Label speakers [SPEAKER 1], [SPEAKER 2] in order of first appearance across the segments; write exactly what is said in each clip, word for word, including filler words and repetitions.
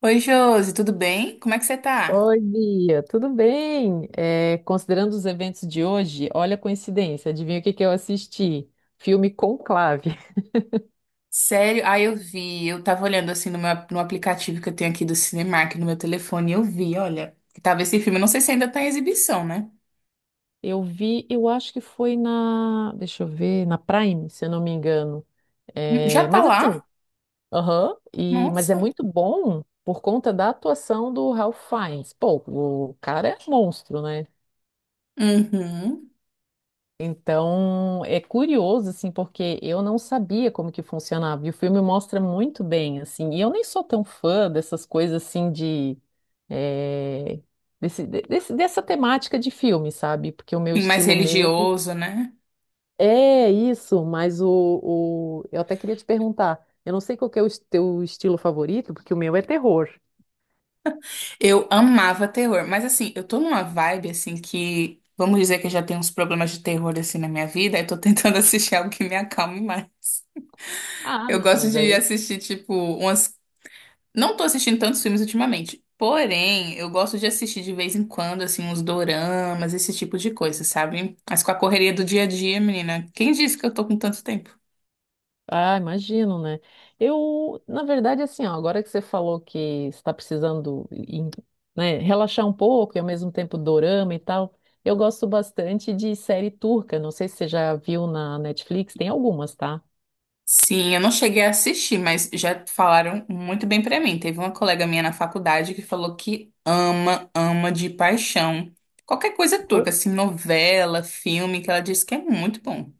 [SPEAKER 1] Oi, Josi, tudo bem? Como é que você tá?
[SPEAKER 2] Oi, Bia, tudo bem? É, considerando os eventos de hoje, olha a coincidência, adivinha o que que eu assisti? Filme Conclave.
[SPEAKER 1] Sério? Ah, eu vi. Eu tava olhando assim no meu, no aplicativo que eu tenho aqui do Cinemark no meu telefone e eu vi, olha, que tava esse filme. Eu não sei se ainda tá em exibição, né?
[SPEAKER 2] Eu vi, eu acho que foi na, deixa eu ver, na Prime, se eu não me engano.
[SPEAKER 1] Hum, Já
[SPEAKER 2] É,
[SPEAKER 1] tá
[SPEAKER 2] mas assim,
[SPEAKER 1] lá?
[SPEAKER 2] aham, e, mas é
[SPEAKER 1] Nossa.
[SPEAKER 2] muito bom por conta da atuação do Ralph Fiennes. Pô, o cara é monstro, né?
[SPEAKER 1] Uhum.
[SPEAKER 2] Então, é curioso, assim, porque eu não sabia como que funcionava. E o filme mostra muito bem, assim. E eu nem sou tão fã dessas coisas, assim, de... eh, desse- de- desse- dessa temática de filme, sabe? Porque o meu
[SPEAKER 1] Sim, mais
[SPEAKER 2] estilo mesmo
[SPEAKER 1] religioso, né?
[SPEAKER 2] é isso, mas o, o... Eu até queria te perguntar. Eu não sei qual que é o es- teu estilo favorito, porque o meu é terror.
[SPEAKER 1] Eu amava terror, mas assim, eu tô numa vibe assim que, vamos dizer que eu já tenho uns problemas de terror assim na minha vida, eu tô tentando assistir algo que me acalme mais.
[SPEAKER 2] Ah,
[SPEAKER 1] Eu
[SPEAKER 2] não,
[SPEAKER 1] gosto
[SPEAKER 2] mas
[SPEAKER 1] de
[SPEAKER 2] aí...
[SPEAKER 1] assistir, tipo, umas. Não tô assistindo tantos filmes ultimamente. Porém, eu gosto de assistir de vez em quando, assim, uns doramas, esse tipo de coisa, sabe? Mas com a correria do dia a dia, menina, quem disse que eu tô com tanto tempo?
[SPEAKER 2] Ah, imagino, né? Eu, na verdade, assim, ó, agora que você falou que está precisando, em- né, relaxar um pouco e ao mesmo tempo dorama e tal, eu gosto bastante de série turca. Não sei se você já viu na Netflix, tem algumas, tá?
[SPEAKER 1] Sim, eu não cheguei a assistir, mas já falaram muito bem pra mim. Teve uma colega minha na faculdade que falou que ama, ama de paixão. Qualquer coisa turca, assim, novela, filme, que ela disse que é muito bom.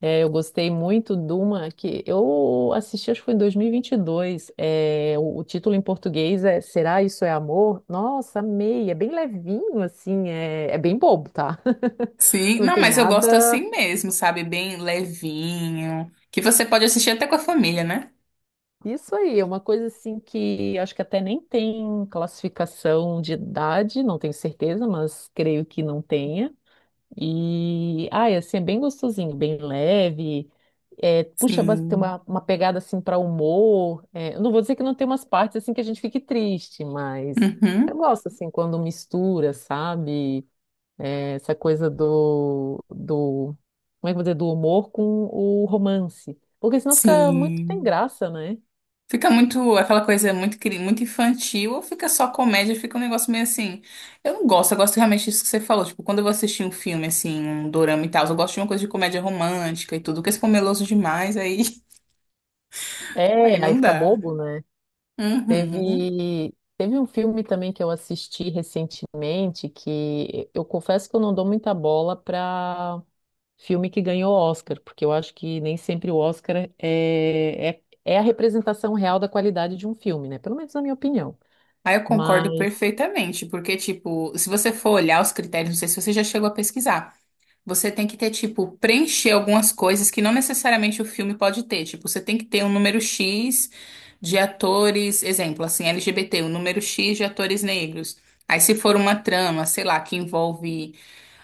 [SPEAKER 2] É, eu gostei muito de uma que eu assisti, acho que foi em dois mil e vinte e dois. É, o, o título em português é Será Isso é Amor? Nossa, amei. É bem levinho, assim, é, é bem bobo, tá?
[SPEAKER 1] Sim,
[SPEAKER 2] Não
[SPEAKER 1] não,
[SPEAKER 2] tem
[SPEAKER 1] mas eu gosto
[SPEAKER 2] nada.
[SPEAKER 1] assim mesmo, sabe? Bem levinho, que você pode assistir até com a família, né?
[SPEAKER 2] Isso aí, é uma coisa assim que acho que até nem tem classificação de idade, não tenho certeza, mas creio que não tenha. E, ah, é assim, é bem gostosinho, bem leve, é, puxa, bas- tem
[SPEAKER 1] Sim.
[SPEAKER 2] uma, uma, pegada assim para humor. É, eu não vou dizer que não tem umas partes assim que a gente fique triste, mas eu
[SPEAKER 1] Uhum.
[SPEAKER 2] gosto assim quando mistura, sabe? É, essa coisa do, do, como é que eu vou dizer, do humor com o romance, porque senão fica muito sem
[SPEAKER 1] Sim.
[SPEAKER 2] graça, né?
[SPEAKER 1] Fica muito aquela coisa muito, cri- muito infantil, ou fica só comédia, fica um negócio meio assim. Eu não gosto, eu gosto realmente disso que você falou. Tipo, quando eu vou assistir um filme, assim, um dorama e tal, eu gosto de uma coisa de comédia romântica e tudo, porque se for meloso demais, aí, aí
[SPEAKER 2] É, aí
[SPEAKER 1] não
[SPEAKER 2] fica
[SPEAKER 1] dá.
[SPEAKER 2] bobo, né?
[SPEAKER 1] Uhum.
[SPEAKER 2] Teve, teve um filme também que eu assisti recentemente que eu confesso que eu não dou muita bola para filme que ganhou Oscar, porque eu acho que nem sempre o Oscar é, é, é a representação real da qualidade de um filme, né? Pelo menos na minha opinião.
[SPEAKER 1] Aí eu concordo
[SPEAKER 2] Mas,
[SPEAKER 1] perfeitamente, porque, tipo, se você for olhar os critérios, não sei se você já chegou a pesquisar. Você tem que ter, tipo, preencher algumas coisas que não necessariamente o filme pode ter. Tipo, você tem que ter um número X de atores, exemplo, assim, L G B T, um número X de atores negros. Aí, se for uma trama, sei lá, que envolve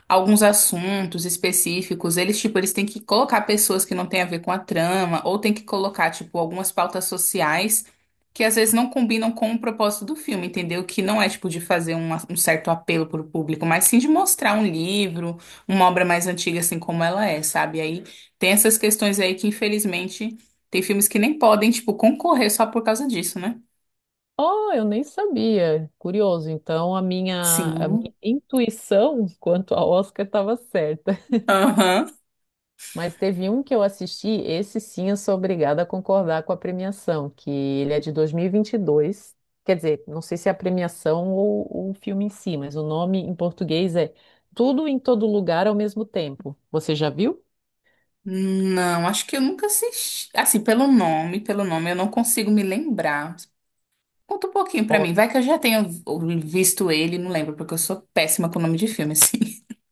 [SPEAKER 1] alguns assuntos específicos, eles, tipo, eles têm que colocar pessoas que não têm a ver com a trama, ou têm que colocar, tipo, algumas pautas sociais que às vezes não combinam com o propósito do filme, entendeu? Que não é, tipo, de fazer um, um certo apelo para o público, mas sim de mostrar um livro, uma obra mais antiga, assim como ela é, sabe? Aí tem essas questões aí que, infelizmente, tem filmes que nem podem, tipo, concorrer só por causa disso, né?
[SPEAKER 2] oh, eu nem sabia. Curioso. Então, a minha, a
[SPEAKER 1] Sim.
[SPEAKER 2] minha intuição quanto a Oscar estava certa.
[SPEAKER 1] Aham.
[SPEAKER 2] Mas teve um que eu assisti, esse sim eu sou obrigada a concordar com a premiação, que ele é de dois mil e vinte e dois. Quer dizer, não sei se é a premiação ou o filme em si, mas o nome em português é Tudo em Todo Lugar ao Mesmo Tempo. Você já viu?
[SPEAKER 1] Não, acho que eu nunca assisti. Assim, pelo nome, pelo nome, eu não consigo me lembrar. Conta um pouquinho pra
[SPEAKER 2] Ó,
[SPEAKER 1] mim. Vai que eu já tenha visto ele, não lembro, porque eu sou péssima com o nome de filme, assim.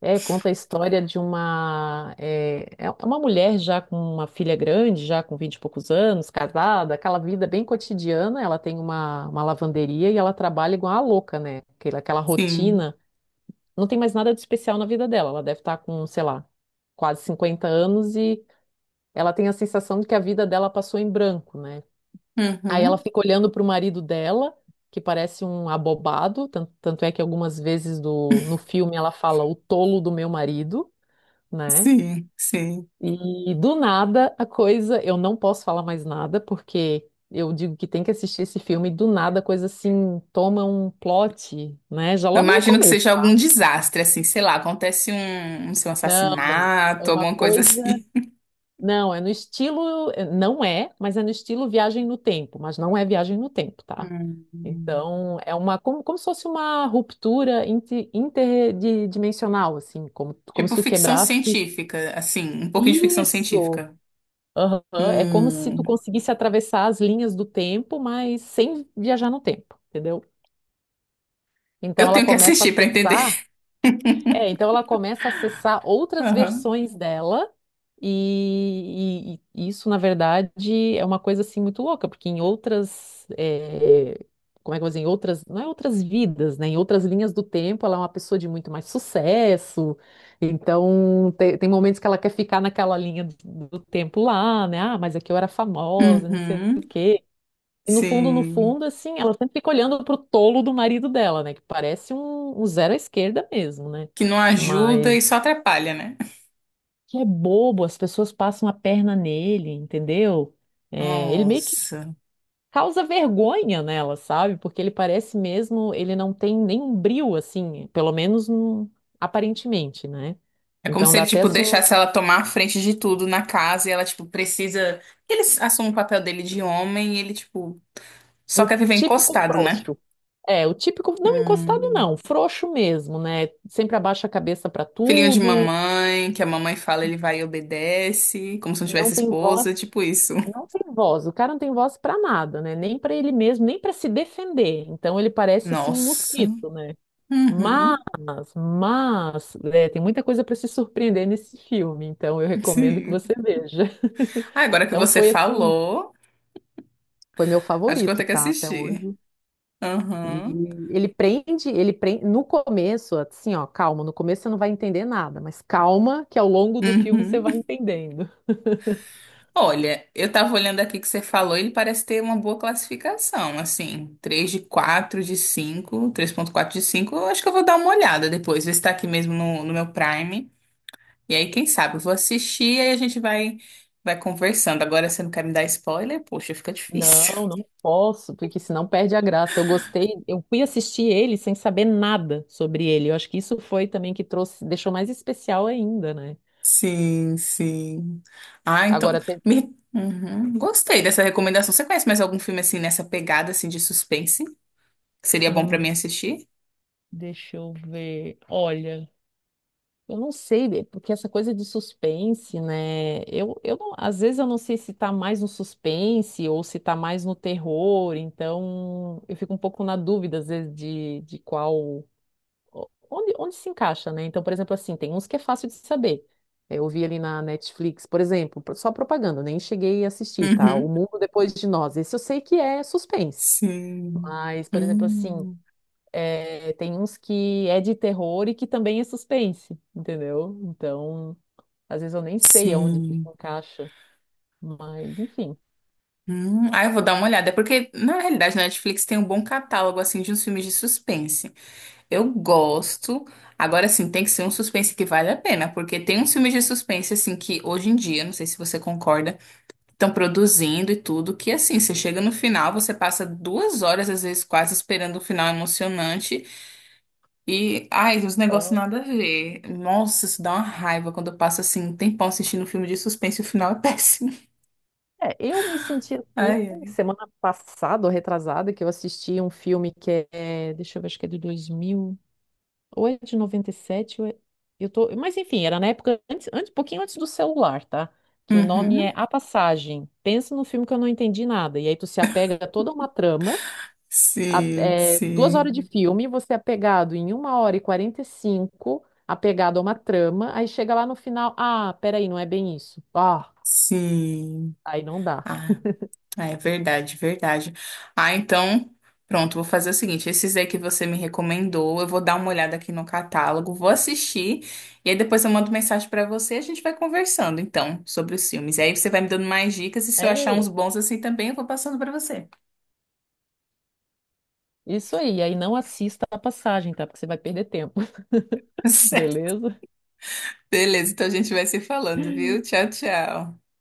[SPEAKER 2] é, conta a história de uma, é, é uma mulher já com uma filha grande, já com vinte e poucos anos, casada, aquela vida bem cotidiana. Ela tem uma, uma lavanderia e ela trabalha igual a louca, né? Aquela, aquela
[SPEAKER 1] Sim.
[SPEAKER 2] rotina não tem mais nada de especial na vida dela. Ela deve estar com, sei lá, quase cinquenta anos e ela tem a sensação de que a vida dela passou em branco, né? Aí ela
[SPEAKER 1] Uhum.
[SPEAKER 2] fica olhando para o marido dela, que parece um abobado, tan- tanto é que algumas vezes do, no filme ela fala o tolo do meu marido, né?
[SPEAKER 1] Sim, sim.
[SPEAKER 2] E do nada a coisa, eu não posso falar mais nada, porque eu digo que tem que assistir esse filme, e do nada a coisa assim toma um plot, né? Já
[SPEAKER 1] Eu
[SPEAKER 2] logo no
[SPEAKER 1] imagino que
[SPEAKER 2] começo,
[SPEAKER 1] seja
[SPEAKER 2] tá?
[SPEAKER 1] algum desastre, assim, sei lá, acontece um, não sei, um
[SPEAKER 2] Não, é
[SPEAKER 1] assassinato,
[SPEAKER 2] uma
[SPEAKER 1] alguma coisa
[SPEAKER 2] coisa.
[SPEAKER 1] assim.
[SPEAKER 2] Não, é no estilo, eh, não é, mas é no estilo viagem no tempo, mas não é viagem no tempo, tá?
[SPEAKER 1] Hum.
[SPEAKER 2] Então, é uma, como, como se fosse uma ruptura inti- interdimensional, assim, como, como se
[SPEAKER 1] Tipo
[SPEAKER 2] tu
[SPEAKER 1] ficção
[SPEAKER 2] quebrasse.
[SPEAKER 1] científica, assim, um pouquinho de ficção
[SPEAKER 2] Isso!
[SPEAKER 1] científica.
[SPEAKER 2] Aham, é como se tu
[SPEAKER 1] Hum.
[SPEAKER 2] conseguisse atravessar as linhas do tempo, mas sem viajar no tempo, entendeu? Então
[SPEAKER 1] Eu
[SPEAKER 2] ela
[SPEAKER 1] tenho que
[SPEAKER 2] começa a
[SPEAKER 1] assistir pra entender.
[SPEAKER 2] acessar, é, então ela começa a acessar outras
[SPEAKER 1] Aham.
[SPEAKER 2] versões dela. E, e- e isso, na verdade, é uma coisa assim muito louca, porque em outras, eh, como é que eu vou dizer, em outras, não é outras vidas, né? Em outras linhas do tempo, ela é uma pessoa de muito mais sucesso. Então, te- tem, momentos que ela quer ficar naquela linha do, do tempo lá, né? Ah, mas aqui eu era famosa, não sei.
[SPEAKER 1] Uhum.
[SPEAKER 2] E no fundo, no
[SPEAKER 1] Sim.
[SPEAKER 2] fundo, assim, ela sempre fica olhando pro tolo do marido dela, né? Que parece um, um zero à esquerda mesmo, né?
[SPEAKER 1] Que não ajuda e só atrapalha, né?
[SPEAKER 2] Que é bobo, as pessoas passam a perna nele, entendeu? É, ele meio que
[SPEAKER 1] Nossa.
[SPEAKER 2] causa vergonha nela, sabe? Porque ele parece mesmo, ele não tem nenhum brio, assim, pelo menos hum, aparentemente, né?
[SPEAKER 1] É como
[SPEAKER 2] Então
[SPEAKER 1] se
[SPEAKER 2] dá
[SPEAKER 1] ele,
[SPEAKER 2] até
[SPEAKER 1] tipo,
[SPEAKER 2] assim, um,
[SPEAKER 1] deixasse ela tomar a frente de tudo na casa e ela, tipo, precisa. Ele assume o papel dele de homem e ele, tipo, só
[SPEAKER 2] um
[SPEAKER 1] quer viver
[SPEAKER 2] típico
[SPEAKER 1] encostado, né?
[SPEAKER 2] frouxo. É, o típico, não encostado
[SPEAKER 1] Hum.
[SPEAKER 2] não, frouxo mesmo, né? Sempre abaixa a cabeça pra
[SPEAKER 1] Filhinho de
[SPEAKER 2] tudo,
[SPEAKER 1] mamãe, que a mamãe fala, ele vai e obedece, como se não
[SPEAKER 2] não
[SPEAKER 1] tivesse
[SPEAKER 2] tem voz,
[SPEAKER 1] esposa, tipo isso.
[SPEAKER 2] não tem voz. O cara não tem voz pra nada, né? Nem pra ele mesmo, nem pra se defender. Então ele parece assim um
[SPEAKER 1] Nossa.
[SPEAKER 2] mosquito, né? Mas,
[SPEAKER 1] Uhum.
[SPEAKER 2] mas, é, tem muita coisa para se surpreender nesse filme, então eu recomendo que
[SPEAKER 1] Sim.
[SPEAKER 2] você veja.
[SPEAKER 1] Ah, agora que
[SPEAKER 2] Então
[SPEAKER 1] você
[SPEAKER 2] foi assim,
[SPEAKER 1] falou,
[SPEAKER 2] foi meu
[SPEAKER 1] acho que eu vou
[SPEAKER 2] favorito,
[SPEAKER 1] ter que
[SPEAKER 2] tá, até
[SPEAKER 1] assistir.
[SPEAKER 2] hoje.
[SPEAKER 1] Aham.
[SPEAKER 2] E ele prende, ele prende no começo, assim, ó, calma, no começo você não vai entender nada, mas calma que ao longo do filme você vai
[SPEAKER 1] Uhum.
[SPEAKER 2] entendendo.
[SPEAKER 1] Olha, eu tava olhando aqui que você falou, ele parece ter uma boa classificação, assim, três de quatro, de cinco, três ponto quatro de cinco. Eu acho que eu vou dar uma olhada depois, ver se tá aqui mesmo no, no meu Prime, e aí quem sabe eu vou assistir, aí a gente vai, vai conversando, agora você não quer me dar spoiler? Poxa, fica difícil.
[SPEAKER 2] Não, não posso, porque senão perde a graça. Eu gostei, eu fui assistir ele sem saber nada sobre ele. Eu acho que isso foi também que trouxe, deixou mais especial ainda, né?
[SPEAKER 1] Sim, sim. Ah, então,
[SPEAKER 2] Agora tem.
[SPEAKER 1] me... Uhum, gostei dessa recomendação, você conhece mais algum filme assim, nessa pegada assim de suspense? Seria bom pra mim
[SPEAKER 2] hum,
[SPEAKER 1] assistir?
[SPEAKER 2] Deixa eu ver. Olha, eu não sei, é porque essa coisa de suspense, né? Eu, eu não- às vezes eu não sei se tá mais no suspense ou se tá mais no terror, então eu fico um pouco na dúvida, às vezes, de, de qual. Onde, onde se encaixa, né? Então, por exemplo, assim, tem uns que é fácil de saber. É, eu vi ali na Netflix, por exemplo, só propaganda, nem cheguei a assistir, tá? O
[SPEAKER 1] Uhum.
[SPEAKER 2] Mundo Depois de Nós. Esse eu sei que é suspense.
[SPEAKER 1] Sim.
[SPEAKER 2] Mas, por exemplo, assim.
[SPEAKER 1] Hum,
[SPEAKER 2] É, tem uns que é de terror e que também é suspense, entendeu? Então, às vezes eu nem sei aonde que se
[SPEAKER 1] sim.
[SPEAKER 2] encaixa, mas enfim.
[SPEAKER 1] Hum. Ah, eu vou dar uma olhada. É porque, na realidade, na Netflix tem um bom catálogo, assim, de uns filmes de suspense. Eu gosto. Agora, sim, tem que ser um suspense que vale a pena. Porque tem uns filmes de suspense, assim, que hoje em dia, não sei se você concorda, estão produzindo e tudo, que, assim, você chega no final, você passa duas horas, às vezes, quase esperando o final emocionante. E, ai, os negócios
[SPEAKER 2] Ah,
[SPEAKER 1] nada a ver. Nossa, isso dá uma raiva quando eu passo assim um tempão assistindo um filme de suspense e o final é péssimo.
[SPEAKER 2] é, eu me senti assim
[SPEAKER 1] Ai, ai.
[SPEAKER 2] semana passada, ou retrasada, que eu assisti um filme que é, deixa eu ver, acho que é de dois mil ou é de noventa e sete ou é, eu tô, mas enfim, era na época antes, antes, um pouquinho antes do celular, tá? Que o nome
[SPEAKER 1] Uhum.
[SPEAKER 2] é A Passagem. Pensa num filme que eu não entendi nada, e aí tu se apega a toda uma trama, a-
[SPEAKER 1] Sim,
[SPEAKER 2] é, duas horas de
[SPEAKER 1] sim,
[SPEAKER 2] filme, você é pegado em uma hora e quarenta e cinco, apegado a uma trama, aí chega lá no final, ah, peraí, não é bem isso. Ah,
[SPEAKER 1] sim.
[SPEAKER 2] aí não dá.
[SPEAKER 1] Ah, é verdade, verdade. Ah, então, pronto, vou fazer o seguinte: esses aí que você me recomendou, eu vou dar uma olhada aqui no catálogo, vou assistir, e aí depois eu mando mensagem pra você e a gente vai conversando, então, sobre os filmes. E aí você vai me dando mais dicas, e se eu achar uns
[SPEAKER 2] É
[SPEAKER 1] bons assim também, eu vou passando pra você.
[SPEAKER 2] isso aí, aí não assista a passagem, tá? Porque você vai perder tempo, beleza?
[SPEAKER 1] Beleza, então a gente vai se falando, viu? Tchau, tchau.